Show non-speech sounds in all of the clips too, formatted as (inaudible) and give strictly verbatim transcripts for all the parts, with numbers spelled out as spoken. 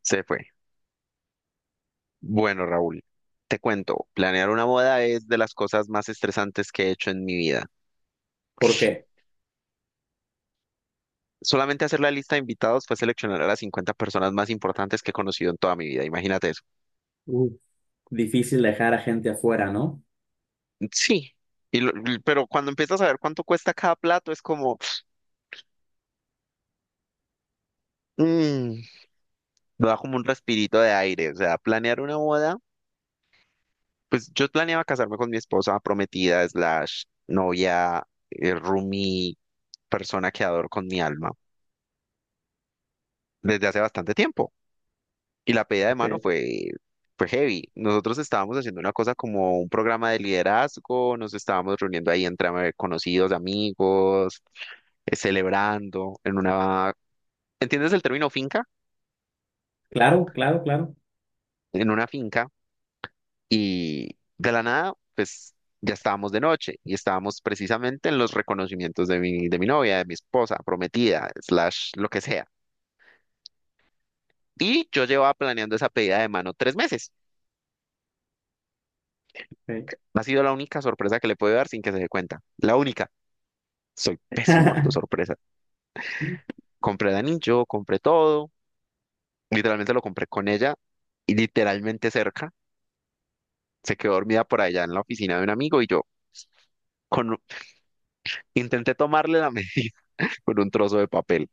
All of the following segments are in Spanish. Se fue. Bueno, Raúl, te cuento, planear una boda es de las cosas más estresantes que he hecho en mi vida. ¿Por qué? Solamente hacer la lista de invitados fue seleccionar a las cincuenta personas más importantes que he conocido en toda mi vida, imagínate eso. Uf, difícil dejar a gente afuera, ¿no? Sí, y lo- l- pero cuando empiezas a ver cuánto cuesta cada plato es como, mm, da como un respirito de aire, o sea, planear una boda, pues yo planeaba casarme con mi esposa prometida, slash, novia, eh, roomie, persona que adoro con mi alma, desde hace bastante tiempo. Y la pedida de mano Ok. fue, fue heavy. Nosotros estábamos haciendo una cosa como un programa de liderazgo, nos estábamos reuniendo ahí entre conocidos, amigos, eh, celebrando en una, ¿entiendes el término finca? Claro, claro, claro. En una finca y de la nada, pues ya estábamos de noche y estábamos precisamente en los reconocimientos de mi, de mi novia, de mi esposa, prometida, slash, lo que sea. Y yo llevaba planeando esa pedida de mano tres meses. Ok. No. Ha sido la única sorpresa que le puedo dar sin que se dé cuenta. La única. Soy pésimo dando (laughs) sorpresa. Compré el anillo, compré todo. Literalmente lo compré con ella y literalmente cerca. Se quedó dormida por allá en la oficina de un amigo y yo con, intenté tomarle la medida (laughs) con un trozo de papel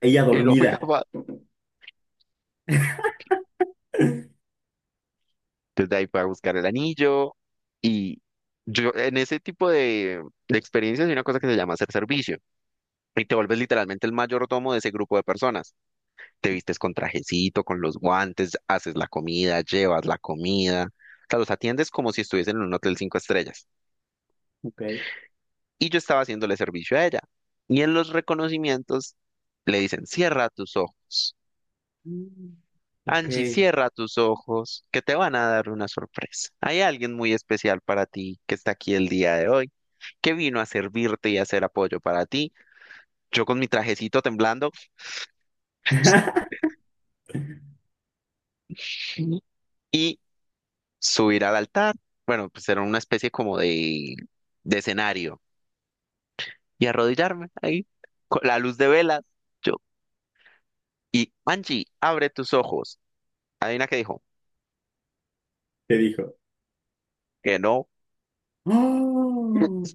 Ella y no fui dormida. capaz. Desde ahí fui a buscar el anillo y yo en ese tipo de, de experiencias hay una cosa que se llama hacer servicio y te vuelves literalmente el mayordomo de ese grupo de personas. Te vistes con trajecito, con los guantes, haces la comida, llevas la comida, o sea, los atiendes como si estuviesen en un hotel cinco estrellas. Ok. Y yo estaba haciéndole servicio a ella. Y en los reconocimientos le dicen, cierra tus ojos. Mm, ok. Angie, cierra tus ojos, que te van a dar una sorpresa. Hay alguien muy especial para ti que está aquí el día de hoy, que vino a servirte y a hacer apoyo para ti. Yo con mi trajecito temblando, (laughs) (laughs) y subir al altar, bueno, pues era una especie como de, de escenario, y arrodillarme ahí, con la luz de velas, yo, y Angie, abre tus ojos. Adivina qué dijo, ¿Qué dijo? que no, ¡Oh!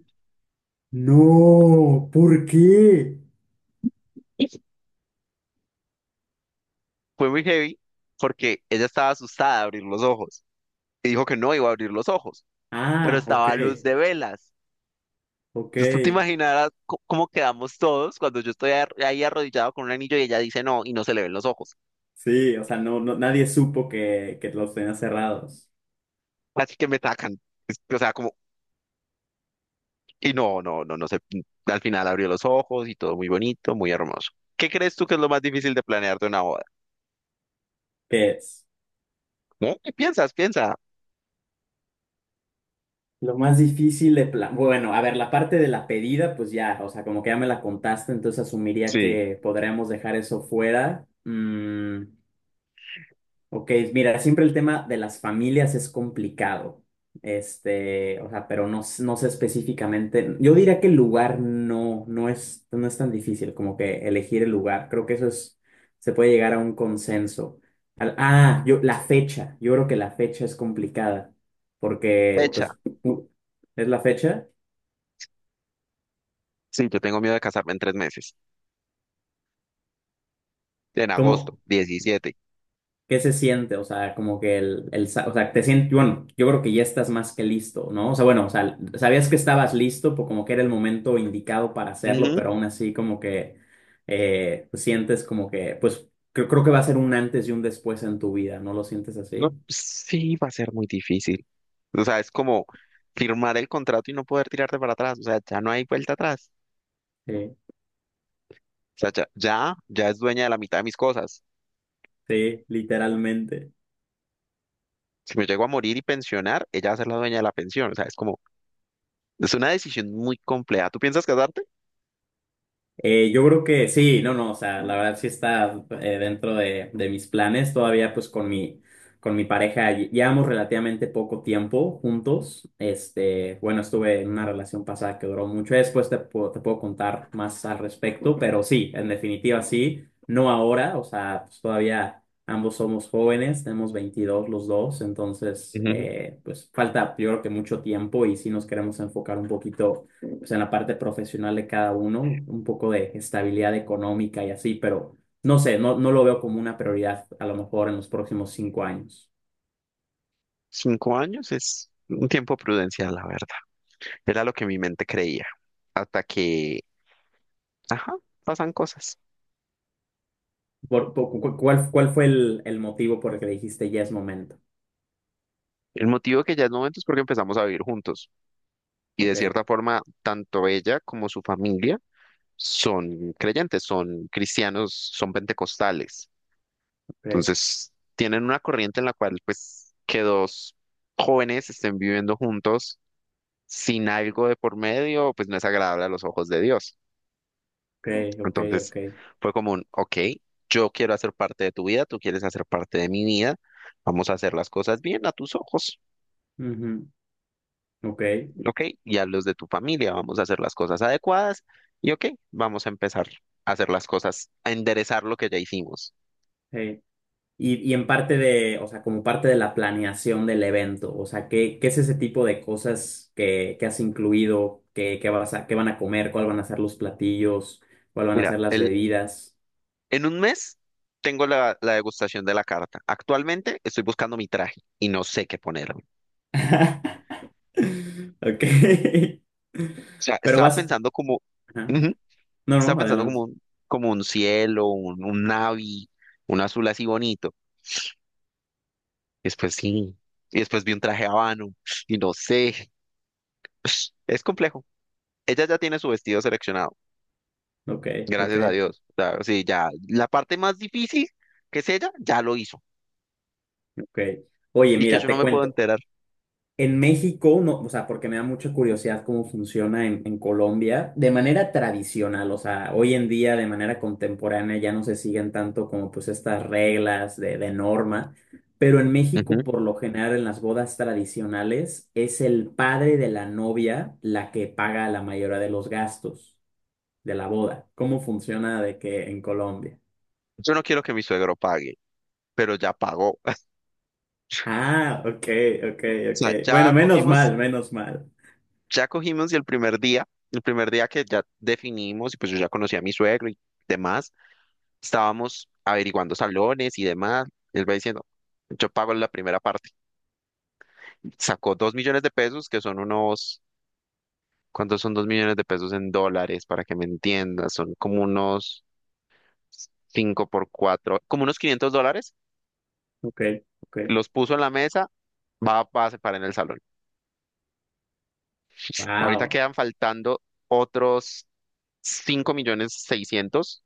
No, ¿por qué? fue muy heavy, porque ella estaba asustada de abrir los ojos, y dijo que no iba a abrir los ojos, pero Ah, ok, estaba a luz de velas. ok. Entonces tú te imaginarás co- cómo quedamos todos cuando yo estoy ar- ahí arrodillado con un anillo y ella dice no, y no se le ven los ojos. Sí, o sea, no, no- nadie supo que, que los tenían cerrados. Así que me tacan. Es- O sea, como. Y no, no, no, no sé. Al final abrió los ojos y todo muy bonito, muy hermoso. ¿Qué crees tú que es lo más difícil de planear de una boda? ¿Qué es? ¿No? ¿Qué piensas? Piensa. Lo más difícil de plan... Bueno, a ver, la parte de la pedida, pues ya, o sea, como que ya me la contaste, entonces asumiría Sí. que podríamos dejar eso fuera. Mm, ok, mira, siempre el tema de las familias es complicado. Este, o sea, pero no, s- no sé específicamente. Yo diría que el lugar no, no es, no es tan difícil como que elegir el lugar. Creo que eso es, se puede llegar a un consenso. Al- ah, yo, la fecha. Yo creo que la fecha es complicada. Porque, Fecha. pues, u- es la fecha. Sí, yo tengo miedo de casarme en tres meses. En agosto, ¿Cómo? diecisiete. ¿Qué se siente? O sea, como que el, el, sa- o sea, te sientes, bueno, yo creo que ya estás más que listo, ¿no? O sea, bueno, o sea, sabías que estabas listo, pues como que era el momento indicado para hacerlo, pero Ujú. aún así como que eh, pues, sientes como que, pues creo, creo que va a ser un antes y un después en tu vida, ¿no lo sientes No, así? sí, va a ser muy difícil. O sea, es como firmar el contrato y no poder tirarte para atrás. O sea, ya no hay vuelta atrás. Sí, O sea, ya, ya, ya es dueña de la mitad de mis cosas. sí, literalmente. Si me llego a morir y pensionar, ella va a ser la dueña de la pensión. O sea, es como, es una decisión muy compleja. ¿Tú piensas casarte? Eh, yo creo que sí, no, no, o sea, la verdad sí está eh, dentro de, de mis planes. Todavía pues con mi, con mi pareja lle- llevamos relativamente poco tiempo juntos. Este, bueno, estuve en una relación pasada que duró mucho. Después te, puedo- te puedo contar más al respecto, pero sí, en definitiva sí, no ahora, o sea, pues todavía ambos somos jóvenes, tenemos veintidós los dos, entonces eh, pues falta yo creo que mucho tiempo y sí nos queremos enfocar un poquito o sea, en la parte profesional de cada uno, un poco de estabilidad económica y así, pero no sé, no, no lo veo como una prioridad a lo mejor en los próximos cinco años. Cinco años es un tiempo prudencial, la verdad. Era lo que mi mente creía. Hasta que, ajá, pasan cosas. Por- por- cu- ¿cuál, cuál fue el, el motivo por el que dijiste ya es momento? El motivo que ya es momento es porque empezamos a vivir juntos. Y Ok, de cierta forma, tanto ella como su familia son creyentes, son cristianos, son pentecostales. ok, Entonces, tienen una corriente en la cual, pues, que dos jóvenes estén viviendo juntos sin algo de por medio, pues no es agradable a los ojos de Dios. ok, ok, Entonces ok. fue como un, ok, yo quiero hacer parte de tu vida, tú quieres hacer parte de mi vida, vamos a hacer las cosas bien a tus ojos, Ujú, ok, ok, y a los de tu familia, vamos a hacer las cosas adecuadas y ok, vamos a empezar a hacer las cosas, a enderezar lo que ya hicimos. hey. Y, y en parte de, o sea, como parte de la planeación del evento, o sea, ¿qué, qué es ese tipo de cosas que, que has incluido? ¿Qué, qué vas a, qué van a comer? ¿Cuáles van a ser los platillos? ¿Cuáles van a Mira, ser las el, bebidas? en un mes tengo la, la, degustación de la carta. Actualmente estoy buscando mi traje y no sé qué ponerme. O (laughs) Ok. sea, Pero estaba vas. pensando como, Ajá. ujú, No, estaba no, pensando como adelante. un, como un cielo, un, un navy, un azul así bonito. Y después sí. Y después vi un traje habano. Y no sé. (laughs) (sniffs) Es complejo. Ella ya tiene su vestido seleccionado. Ok, ok, Gracias a Dios. O sea, sí, ya. La parte más difícil, que es ella, ya lo hizo. ok. Oye, Y que mira, yo no te me puedo cuento. enterar. En México, no, o sea, porque me da mucha curiosidad cómo funciona en, en Colombia, de manera tradicional, o sea, hoy en día, de manera contemporánea, ya no se siguen tanto como pues estas reglas de, de norma, pero en México, Ujú. por lo general, en las bodas tradicionales, es el padre de la novia la que paga la mayoría de los gastos de la boda. ¿Cómo funciona de que en Colombia? Yo no quiero que mi suegro pague, pero ya pagó. (laughs) Ah, ok, ok, O ok. sea, Bueno, ya menos cogimos, mal, menos mal. ya cogimos y el primer día, el primer día que ya definimos, y pues yo ya conocí a mi suegro y demás, estábamos averiguando salones y demás. Él va diciendo, yo pago la primera parte. Sacó dos millones de pesos, que son unos, ¿cuántos son dos millones de pesos en dólares? Para que me entiendas, son como unos cinco por cuatro, como unos quinientos dólares, Ok, ok. los puso en la mesa, va, va a separar en el salón. Ahorita Wow. quedan faltando otros cinco millones seiscientos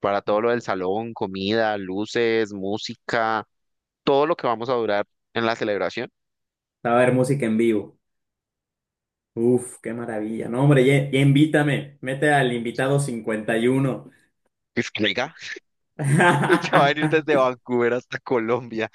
para todo lo del salón, comida, luces, música, todo lo que vamos a durar en la celebración. Va a haber música en vivo. Uf, qué maravilla. No, hombre, ya, ya invítame. Mete al invitado cincuenta y uno. Es que, oiga, (laughs) ya va a venir desde (laughs) Vancouver hasta Colombia.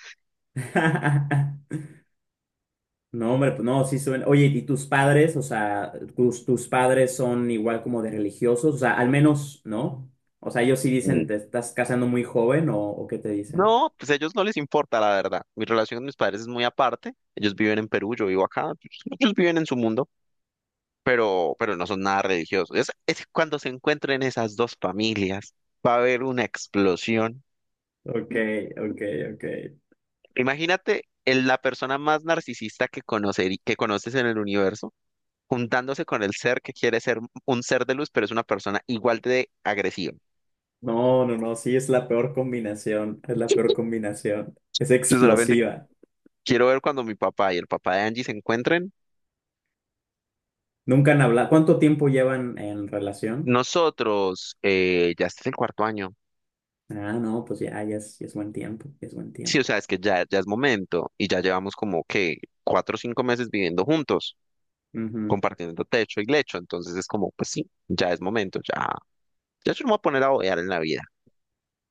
No, hombre, pues no, sí suena. Oye, ¿y tus padres? O sea, tus, tus padres son igual como de religiosos, o sea, al menos, ¿no? O sea, ellos sí dicen, Mm. ¿te estás casando muy joven o, o qué te dicen? No, pues a ellos no les importa, la verdad. Mi relación con mis padres es muy aparte. Ellos viven en Perú, yo vivo acá. Ellos ellos viven en su mundo, pero, pero no son nada religiosos. Es, es cuando se encuentren esas dos familias, va a haber una explosión. Ok, ok, ok. Imagínate el- la persona más narcisista que conocer, que conoces en el universo, juntándose con el ser que quiere ser un ser de luz, pero es una persona igual de agresiva. No, no, no, sí, es la peor combinación, es la peor (laughs) combinación. Es Yo solamente explosiva. quiero ver cuando mi papá y el papá de Angie se encuentren. Nunca han hablado. ¿Cuánto tiempo llevan en relación? Nosotros, eh, ya este es el cuarto año. Ah, no, pues ya, ya es, ya es buen tiempo, ya es buen Sí, o tiempo. sea, es que ya, ya es momento y ya llevamos como que cuatro o cinco meses viviendo juntos, Ujú. compartiendo techo y lecho, entonces es como, pues sí, ya es momento, ya, ya yo no me voy a poner a bodear en la vida.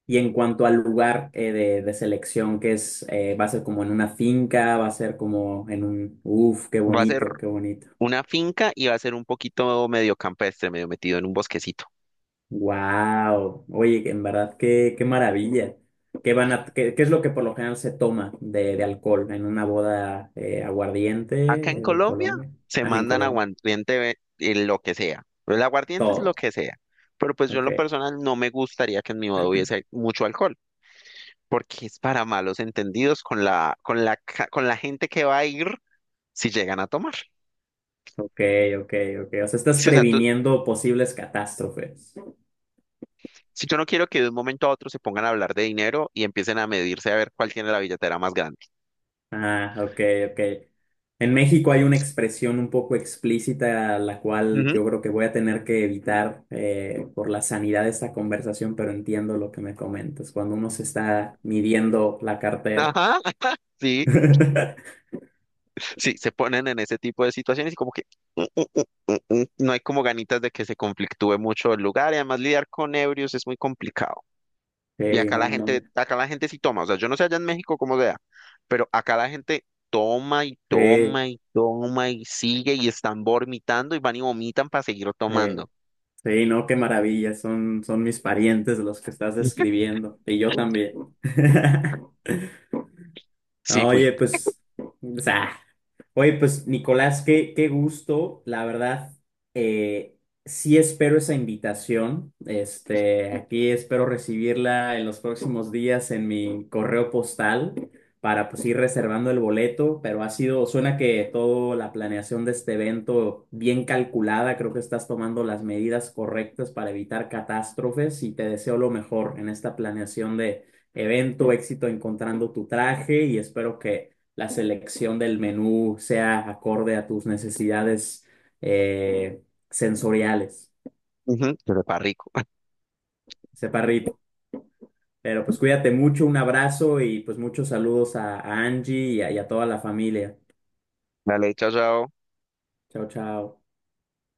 Y en cuanto al lugar eh, de, de selección, que es, eh, va a ser como en una finca, va a ser como en un, uf, qué Va a ser bonito, qué bonito. una finca y va a ser un poquito medio campestre, medio metido en un bosquecito. Wow, oye, en verdad qué, qué maravilla. ¿Qué van a, qué, qué es lo que por lo general se toma de, de alcohol en una boda eh, aguardiente Acá eh, en en Colombia Colombia? se Ah, en mandan Colombia. aguardiente ve- en lo que sea, el aguardiente es lo Todo. que sea, pero pues yo en Ok, lo personal no me gustaría que en mi boda hubiese mucho alcohol, porque es para malos entendidos con la, con la, ca- con la gente que va a ir si llegan a tomar. ok, ok, ok. O sea, estás Si, o sea, tú- previniendo posibles catástrofes. si yo no quiero que de un momento a otro se pongan a hablar de dinero y empiecen a medirse a ver cuál tiene la billetera más grande. Ah, ok, ok. En México hay una expresión un poco explícita, la cual Ujú. yo creo que voy a tener que evitar eh, por la sanidad de esta conversación, pero entiendo lo que me comentas, cuando uno se está midiendo la cartera. Ajá, (laughs) sí, (laughs) sí, se ponen en ese tipo de situaciones y como que mm, mm, mm, mm, mm, no hay como ganitas de que se conflictúe mucho el lugar y además lidiar con ebrios es muy complicado. Y Sí, acá la no, no. gente, acá la gente sí toma, o sea, yo no sé allá en México cómo sea, pero acá la gente toma y Sí, toma y toma y sigue y están vomitando y van y vomitan para seguir sí, eh, tomando. sí, no, qué maravilla. Son, son mis parientes los que estás (laughs) describiendo. Y yo también. (laughs) Sí fui. Oye, pues, (laughs) oye, pues Nicolás, qué, qué gusto, la verdad, eh, sí espero esa invitación, este, aquí espero recibirla en los próximos días en mi correo postal para pues ir reservando el boleto, pero ha sido, suena que toda la planeación de este evento bien calculada, creo que estás tomando las medidas correctas para evitar catástrofes y te deseo lo mejor en esta planeación de evento, éxito encontrando tu traje y espero que la selección del menú sea acorde a tus necesidades eh, sensoriales. Ujú, que sepa rico. (laughs) Sepa rico. Pero pues cuídate mucho, un abrazo y pues muchos saludos a, a Angie y a y a toda la familia. La leche asada Chao, chao.